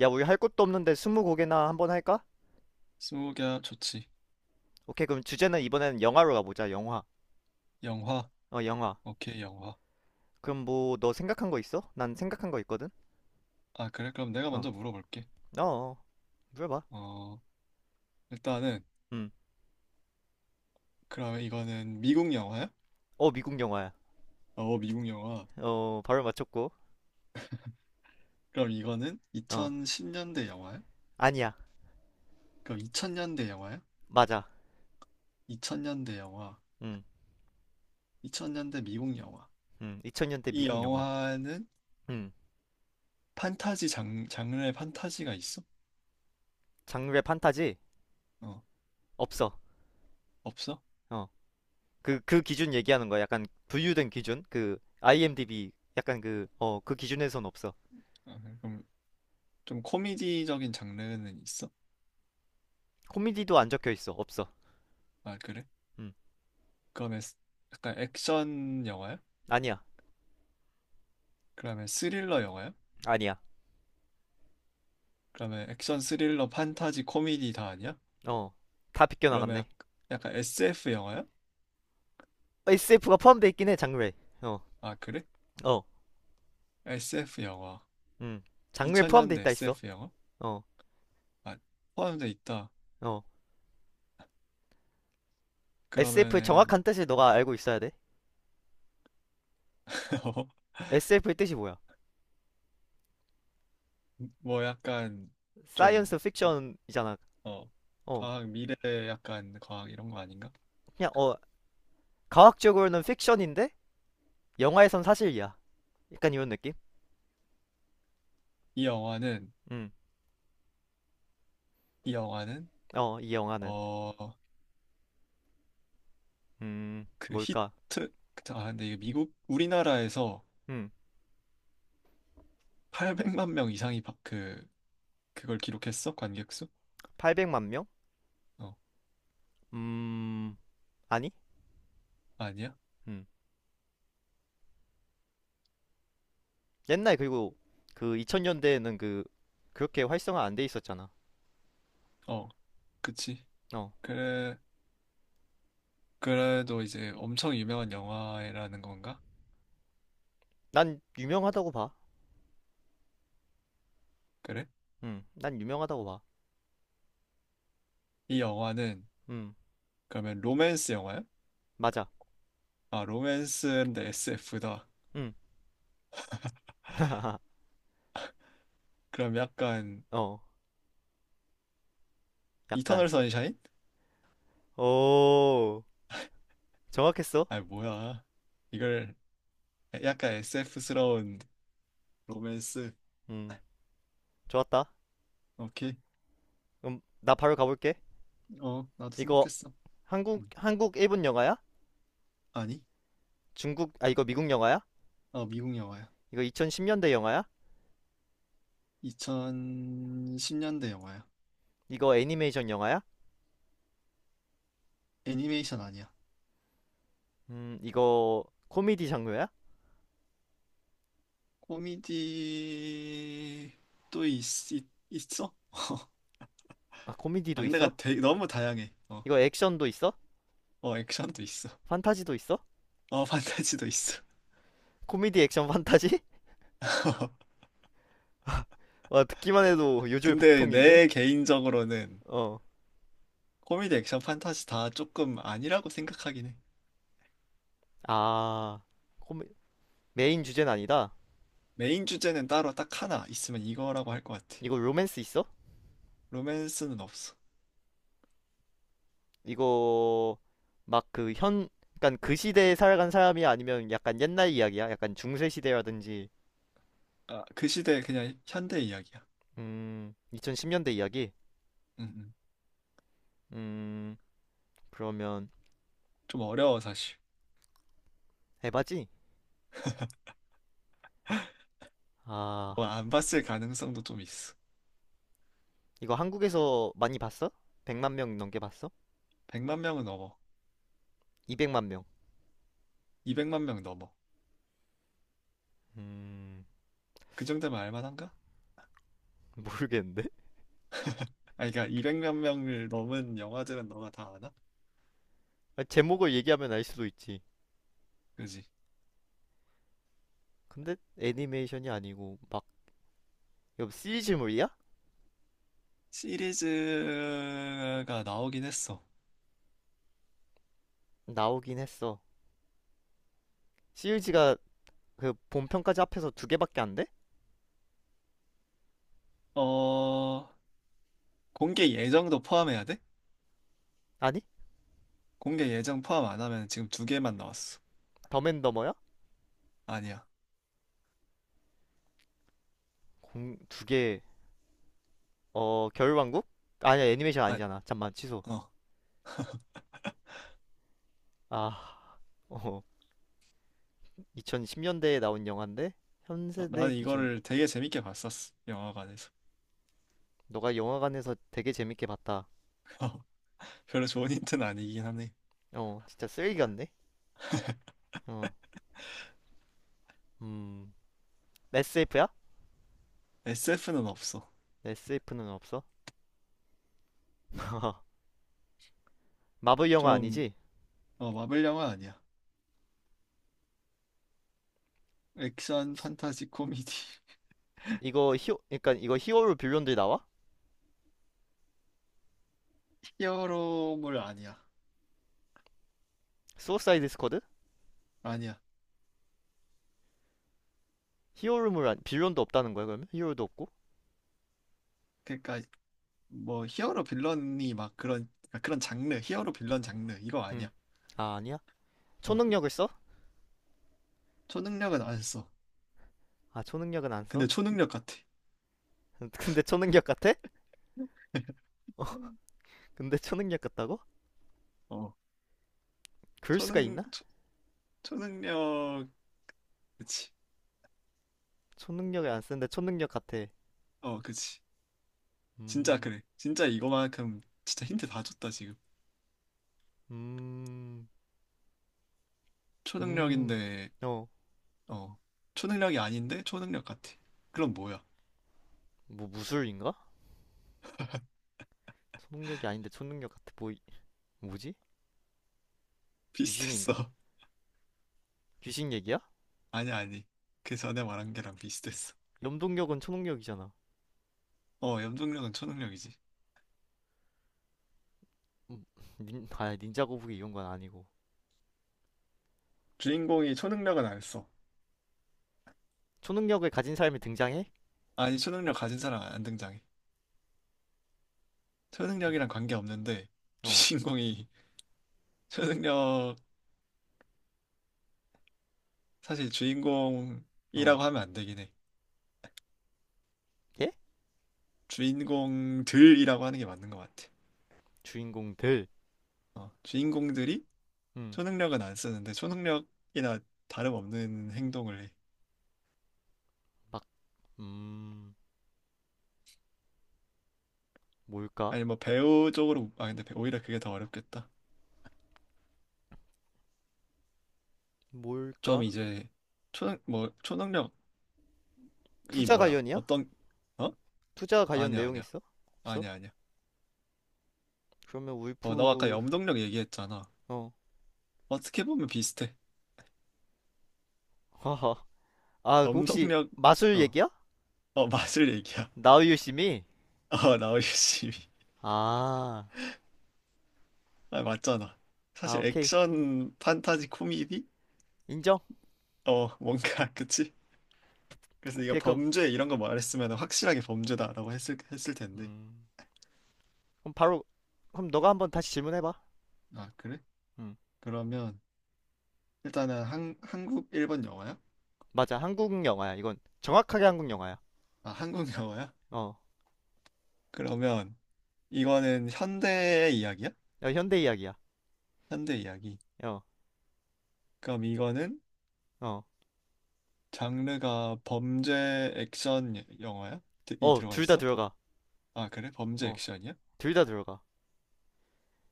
야, 우리 할 것도 없는데 스무고개나 한번 할까? 스무고개 좋지. 오케이, 그럼 주제는 이번에는 영화로 가보자, 영화. 영화. 어, 영화. 오케이, 영화. 그럼 뭐, 너 생각한 거 있어? 난 생각한 거 있거든? 아, 그래? 그럼 내가 어, 먼저 물어볼게. 어, 어, 물어봐. 어, 일단은 음. 그러면 이거는 미국 영화야? 어, 미국 영화야. 어, 미국 영화. 어, 바로 맞췄고. 그럼 이거는 어, 2010년대 영화야? 아니야. 그럼 2000년대 영화야? 맞아. 2000년대 영화. 음, 2000년대 미국 영화. 2000년대 이 미국 영화. 영화는 음, 판타지 장르의 판타지가 있어? 장르의 판타지? 어, 없어. 없어? 어, 그 기준 얘기하는 거야. 약간 분류된 기준? 그, IMDb, 약간 그 기준에선 없어. 아, 그럼 좀 코미디적인 장르는 있어? 코미디도 안 적혀 있어. 없어. 아, 그래? 음, 그러면 약간 액션 영화야? 아니야. 그러면 스릴러 영화야? 아니야. 그러면 액션 스릴러 판타지 코미디 다 아니야? 어, 다 그러면 비껴나갔네. 약간 SF 영화야? SF가 포함돼 있긴 해, 장르에. 어, 아, 그래? 어, SF 영화. 음. 장르에 포함돼 2000년대 있다 했어. SF 영화? 어, 아, 포함돼 있다. 어. SF의 그러면은 정확한 뜻을 너가 알고 있어야 돼. SF의 뜻이 뭐야? 뭐 약간 좀 사이언스 픽션이잖아. 어 어, 과학 미래, 약간 과학 이런 거 아닌가? 그냥, 과학적으로는 픽션인데, 영화에선 사실이야. 약간 이런 느낌? 이 영화는 음, 이 영화는 어, 이 영화는. 어 그 뭘까? 히트 아 근데 이게 미국, 우리나라에서 음, 800만 명 이상이 그걸 기록했어? 관객수? 800만 명? 어, 음, 아니? 아니야? 음. 옛날 그리고 그 2000년대에는 그, 그렇게 활성화 안 돼 있었잖아. 어, 그치. 어. 그래, 그래도 이제 엄청 유명한 영화라는 건가? 난 유명하다고 봐. 그래? 난 유명하다고 봐. 이 영화는 음, 그러면 로맨스 영화야? 맞아. 아, 로맨스인데 SF다. 음, 그럼 약간 어, 약간. 이터널 선샤인? 오, 정확했어. 아, 뭐야. 이걸 약간 SF스러운 로맨스. 음, 좋았다. 오케이. 그럼 나 바로 가볼게. 어, 나도 이거 생각했어. 한국, 음, 한국 일본 영화야? 아니? 중국, 아, 이거 미국 영화야? 어, 미국 영화야. 이거 2010년대 영화야? 2010년대 영화야. 이거 애니메이션 영화야? 애니메이션 아니야. 이거 코미디 장르야? 코미디 또 있어? 아, 코미디도 있어? 장르가 되게 너무 다양해. 어, 이거 액션도 있어? 어, 액션도 있어. 판타지도 있어? 어, 판타지도 있어. 코미디, 액션, 판타지? 와, 듣기만 해도 요즘 근데 복통인데? 내 개인적으로는 어, 코미디, 액션, 판타지 다 조금 아니라고 생각하긴 해. 아. 메인 주제는 아니다. 메인 주제는 따로 딱 하나 있으면 이거라고 할 것 같아. 이거 로맨스 있어? 로맨스는 없어. 이거 막 그 현, 그간그 시대에 살아간 사람이 야 아니면 약간 옛날 이야기야? 약간 중세 시대라든지. 아, 그 시대 그냥 현대 이야기야. 음, 2010년대 이야기? 음, 음. 음, 그러면 좀 어려워, 사실. 에바지? 뭐, 아, 안 봤을 가능성도 좀 있어. 이거 한국에서 많이 봤어? 100만 명 넘게 봤어? 100만 명은 넘어. 200만 명? 200만 명 넘어. 음, 그 정도면 알만한가? 모르겠는데? 아, 그러니까 200만 명을 넘은 영화들은 너가 다 아나? 아, 제목을 얘기하면 알 수도 있지. 그지? 근데 애니메이션이 아니고 막, 이거 시리즈물이야? 시리즈가 나오긴 했어. 나오긴 했어. 시리즈가 그 본편까지 합해서 두 개밖에 안 돼? 어, 공개 예정도 포함해야 돼? 아니? 공개 예정 포함 안 하면 지금 두 개만 나왔어. 덤앤더머야? 아니야. 공, 두 개. 어, 겨울왕국? 아니야, 애니메이션 아, 아니잖아. 잠만, 취소. 어. 아, 어, 2010년대에 나온 영화인데, 어, 현세대 난 기준. 이거를 되게 재밌게 봤었어. 영화관에서. 너가 영화관에서 되게 재밌게 봤다. 별로 좋은 힌트는 아니긴 하네. 어, 진짜 쓰레기 같네. 어, 음, SF야? SF는 없어. SF는 없어. 마블 영화 좀, 아니지? 마블 영화 아니야. 액션, 판타지, 코미디. 이거 히오 그러니까 이거 히어로 빌런들이 나와? 히어로물 아니야. 수어사이드 스쿼드? 아니야. 히어로물 아니, 빌런도 없다는 거야, 그러면? 히어로도 없고? 그러니까 뭐, 히어로 빌런이 막 그런, 그러니까 그런 장르, 히어로 빌런 장르 이거 음, 아니야. 아, 아니야? 어. 초능력을 써? 초능력은 안 했어. 아, 초능력은 안 써? 근데 초능력 같아. 근데 초능력 같아? 어, 근데 초능력 같다고? 어. 그럴 수가 초능, 있나? 초, 초능력, 그치. 초능력을 안 쓰는데 초능력 같아. 어, 그치. 진짜 음, 그래. 진짜 이거만큼 진짜 힌트 다 줬다, 지금. 음, 음. 초능력인데, 어, 어. 초능력이 아닌데 초능력 같아. 그럼 뭐야? 뭐 무술인가? 초능력이 아닌데 초능력 같아. 뭐, 이- 뭐지? 귀신인가? 비슷했어. 귀신 얘기야? 아니, 아니. 그 전에 말한 게랑 비슷했어. 염동력은 초능력이잖아. 어, 염동력은 초능력이지. 음, 닌자 거북이 이런 건 아니고. 주인공이 초능력은 안 했어. 초능력을 가진 사람이 등장해? 아니, 초능력 가진 사람 안 등장해. 초능력이랑 관계없는데, 어, 주인공이 초능력, 사실 어. 주인공이라고 하면 안 되긴 해. 예? 주인공들이라고 하는 게 맞는 것 같아. 주인공들. 어, 주인공들이 음, 초능력은 안 쓰는데 초능력이나 다름없는 행동을 해. 막, 음, 뭘까? 아니, 뭐 배우 쪽으로, 아 근데 오히려 그게 더 어렵겠다. 뭘까? 좀 이제 초능 뭐 초능력이 투자 뭐야? 관련이야? 어떤 어? 투자 관련 아니야, 내용 아니야, 있어? 없어? 아니야, 아니야. 그러면 어, 너 아까 울프. 염동력 얘기했잖아. 어. 어떻게 보면 비슷해. 하하. 아, 그 혹시 염동력. 마술 얘기야? 어어 마술 얘기야. 나우유 심이. 어, 나오기 심히. 아. 아, 맞잖아. 아, 사실 오케이. 액션, 판타지, 코미디? 인정. 어, 뭔가, 그치? 그래서 네가 오케이. 그럼, 범죄 이런 거 말했으면 확실하게 범죄다라고 했을 텐데. 음. 그럼 바로 그럼 너가 한번 다시 질문해 봐. 아, 그래? 음. 그러면 일단은 한국, 일본 영화야? 맞아. 한국 영화야. 이건 정확하게 한국 영화야. 아, 한국 영화야? 어. 그러면 이거는 현대 이야기야? 야, 현대 이야기야. 현대 이야기. 어. 그럼 이거는 어. 장르가 범죄 액션 영화야? 이 어, 들어가 둘 다 있어? 들어가. 아, 그래? 범죄 어. 액션이야? 둘 다 들어가.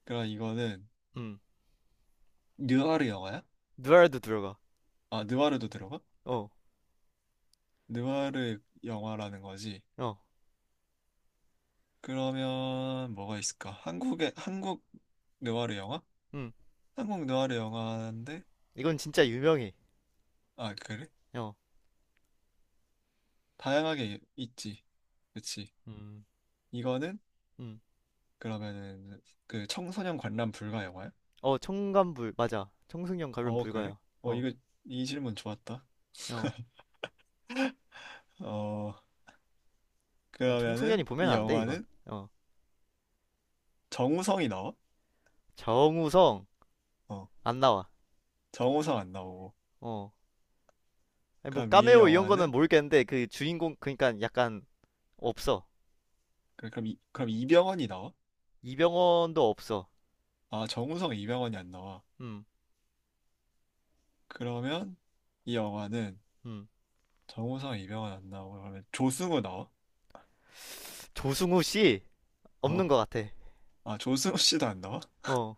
그럼 이거는 음. 느와르 영화야? 누아르도 들어가. 아, 느와르도 들어가? 어. 느와르 영화라는 거지. 어. 그러면 뭐가 있을까? 한국 느와르 영화? 음. 한국 느와르 영화인데, 이건 진짜 유명해. 아, 그래? 어. 다양하게 있지. 그치? 음. 이거는, 음. 그러면은 그 청소년 관람 불가 영화야? 어, 청간불, 맞아. 청소년 가면 어, 그래? 불가야. 어, 어, 이거 이 질문 좋았다. 어. 어, 이건 청소년이 그러면은 보면 이 안 돼, 이건. 영화는 어. 정우성이 나와? 정우성, 어, 안 나와. 정우성 안 나오고. 어. 아니, 뭐, 그럼 이 까메오 이런 거는 영화는, 모르겠는데, 그 주인공, 그니까 약간, 없어. 그럼 이병헌이 나와? 이병헌도 없어. 아, 정우성, 이병헌이 안 나와. 음, 그러면 이 영화는 음. 정우성, 이병헌 안 나오고, 그러면 조승우 나와? 조승우 씨, 없는 어. 것 같아. 아, 조승우 씨도 안 나와? 어,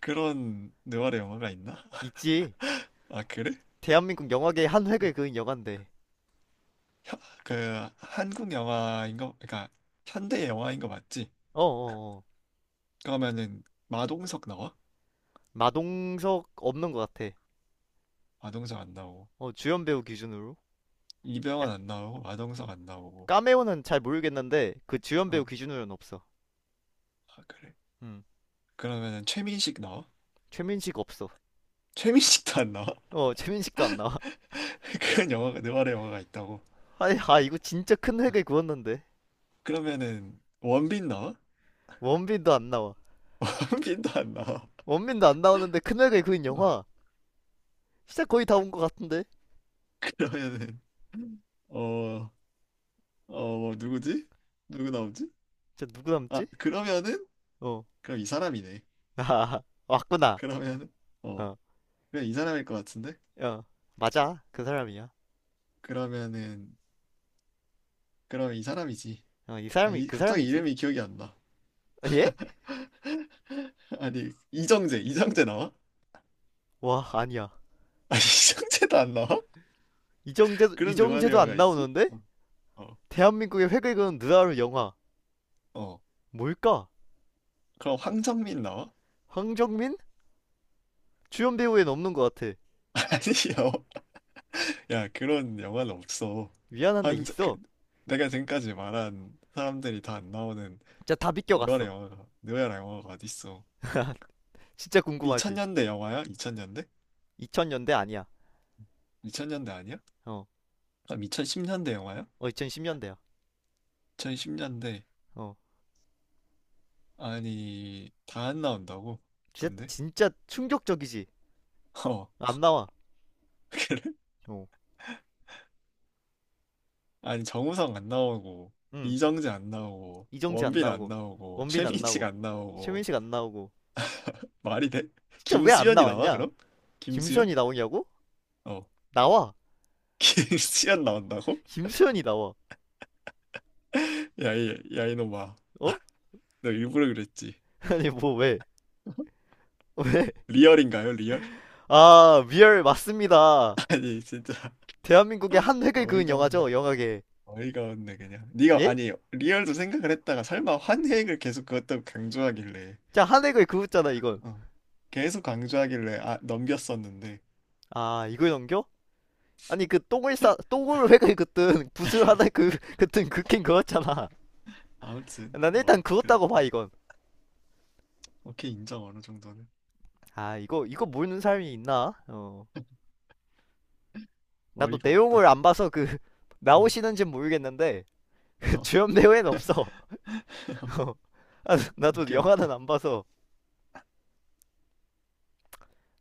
그런 느와르 영화가 있나? 있지. 아, 그래? 대한민국 영화계의 한 획을 그은 영화인데. 혀- 그 한국 영화인 거, 그러니까 현대 영화인 거 맞지? 어, 어, 어. 그러면은 마동석 나와? 마동석 없는 것 같아. 마동석 안 나오고, 어, 주연 배우 기준으로. 이병헌 약, 안 나오고, 마동석 어. 안 나오고. 까메오는 잘 모르겠는데, 그 주연 배우 어. 기준으로는 없어. 아, 그래. 음. 그러면은 최민식 나와? 최민식 없어. 최민식도 안 나와? 어, 최민식도 안 나와. 그런 영화가, 느와르 영화가 있다고. 아니, 아, 이거 진짜 큰 획을 그었는데. 그러면은 원빈 나와? 원빈도 안 나와. 원빈도 안 나와. 원빈도 안 나오는데 큰 획을 그은 어. 영화. 진짜 거의 다 온 것 같은데. 그러면은 어, 어, 뭐 누구지? 누구 나오지? 진짜 누구 남지? 아, 그러면은 어. 그럼 이 사람이네. 아, 왔구나. 그러면은 어, 어, 그냥 이 사람일 것 같은데? 어. 맞아. 그 사람이야. 그러면은, 그러면 이 사람이지. 어, 이 아, 사람이, 이 그 갑자기 사람이지. 이름이 기억이 안 나. 아, 예? 아니, 이정재 나와? 와, 아니야. 아니, 이정재도 안 나와? 이정재, 그런 누마리 이정재도 안 영화가 있어? 나오는데? 어, 어, 대한민국의 획을 그은 느와르 영화. 어. 뭘까? 그럼 황정민 나와? 황정민? 주연 배우엔 없는 것 같아. 아니요. 야, 그런 영화는 없어. 미안한데 황정 그 있어. 내가 지금까지 말한 사람들이 다 안 나오는. 진짜 다 너야 비껴갔어. 영화가 너야 영화가 어딨어? 진짜 궁금하지? 2000년대 영화야? 2000년대? 2000년대 아니야. 2000년대 아니야? 어, 그럼 2010년대 영화야? 어, 2010년대야. 2010년대. 어, 아니, 다 안 나온다고? 진짜 근데 진짜 충격적이지. 어 안 나와. 그래? 어, 아니, 정우성 안 나오고, 응. 이정재 안 나오고, 이정재 안 원빈 안 나오고, 나오고, 원빈 안 최민식 나오고, 안 나오고. 최민식 안 나오고. 말이 돼? 진짜 왜 안 김수현이 나와, 나왔냐? 그럼? 김수현? 김수현이 나오냐고? 어. 나와. 김수현 나온다고? 김수현이 나와. 야이 야 이놈아, 어? 너 일부러 그랬지. 아니 뭐 왜? 왜? 리얼인가요, 리얼? 아, 리얼 맞습니다. 아니, 진짜 대한민국의 한 획을 그은 어이가 없네. 영화죠, 영화계. 어이가 없네, 그냥. 네가, 예? 아니, 리얼도 생각을 했다가 설마 환획을 계속 그것도 강조하길래, 자, 한 획을 그었잖아, 이건. 어, 계속 강조하길래 넘겼었는데, 아, 이걸 넘겨? 아니, 그 똥을 싸 똥을 획을 그든 붓을 하나 그 그든 긋긴 그었잖아. 아무튼 난 일단 뭐 그었다고 봐, 그랬다. 이건. 오케이. 인정, 어느 정도는. 아, 이거 모르는 사람이 있나? 어. 나도 어이가 내용을 없다. 안 봐서 그 음. 나오시는지 모르겠는데 그 어. 주연 배우엔 없어. 어. 아, 나도 오케이, 오케이. 영화는 안 봐서.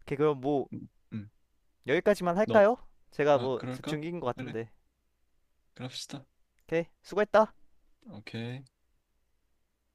오케이, 그럼 뭐 음. 음. 여기까지만 너 할까요? 제가 아, 뭐 그럴까? 대충 인것 그래. 같은데. 그럽시다. 오케이, 수고했다. 오케이.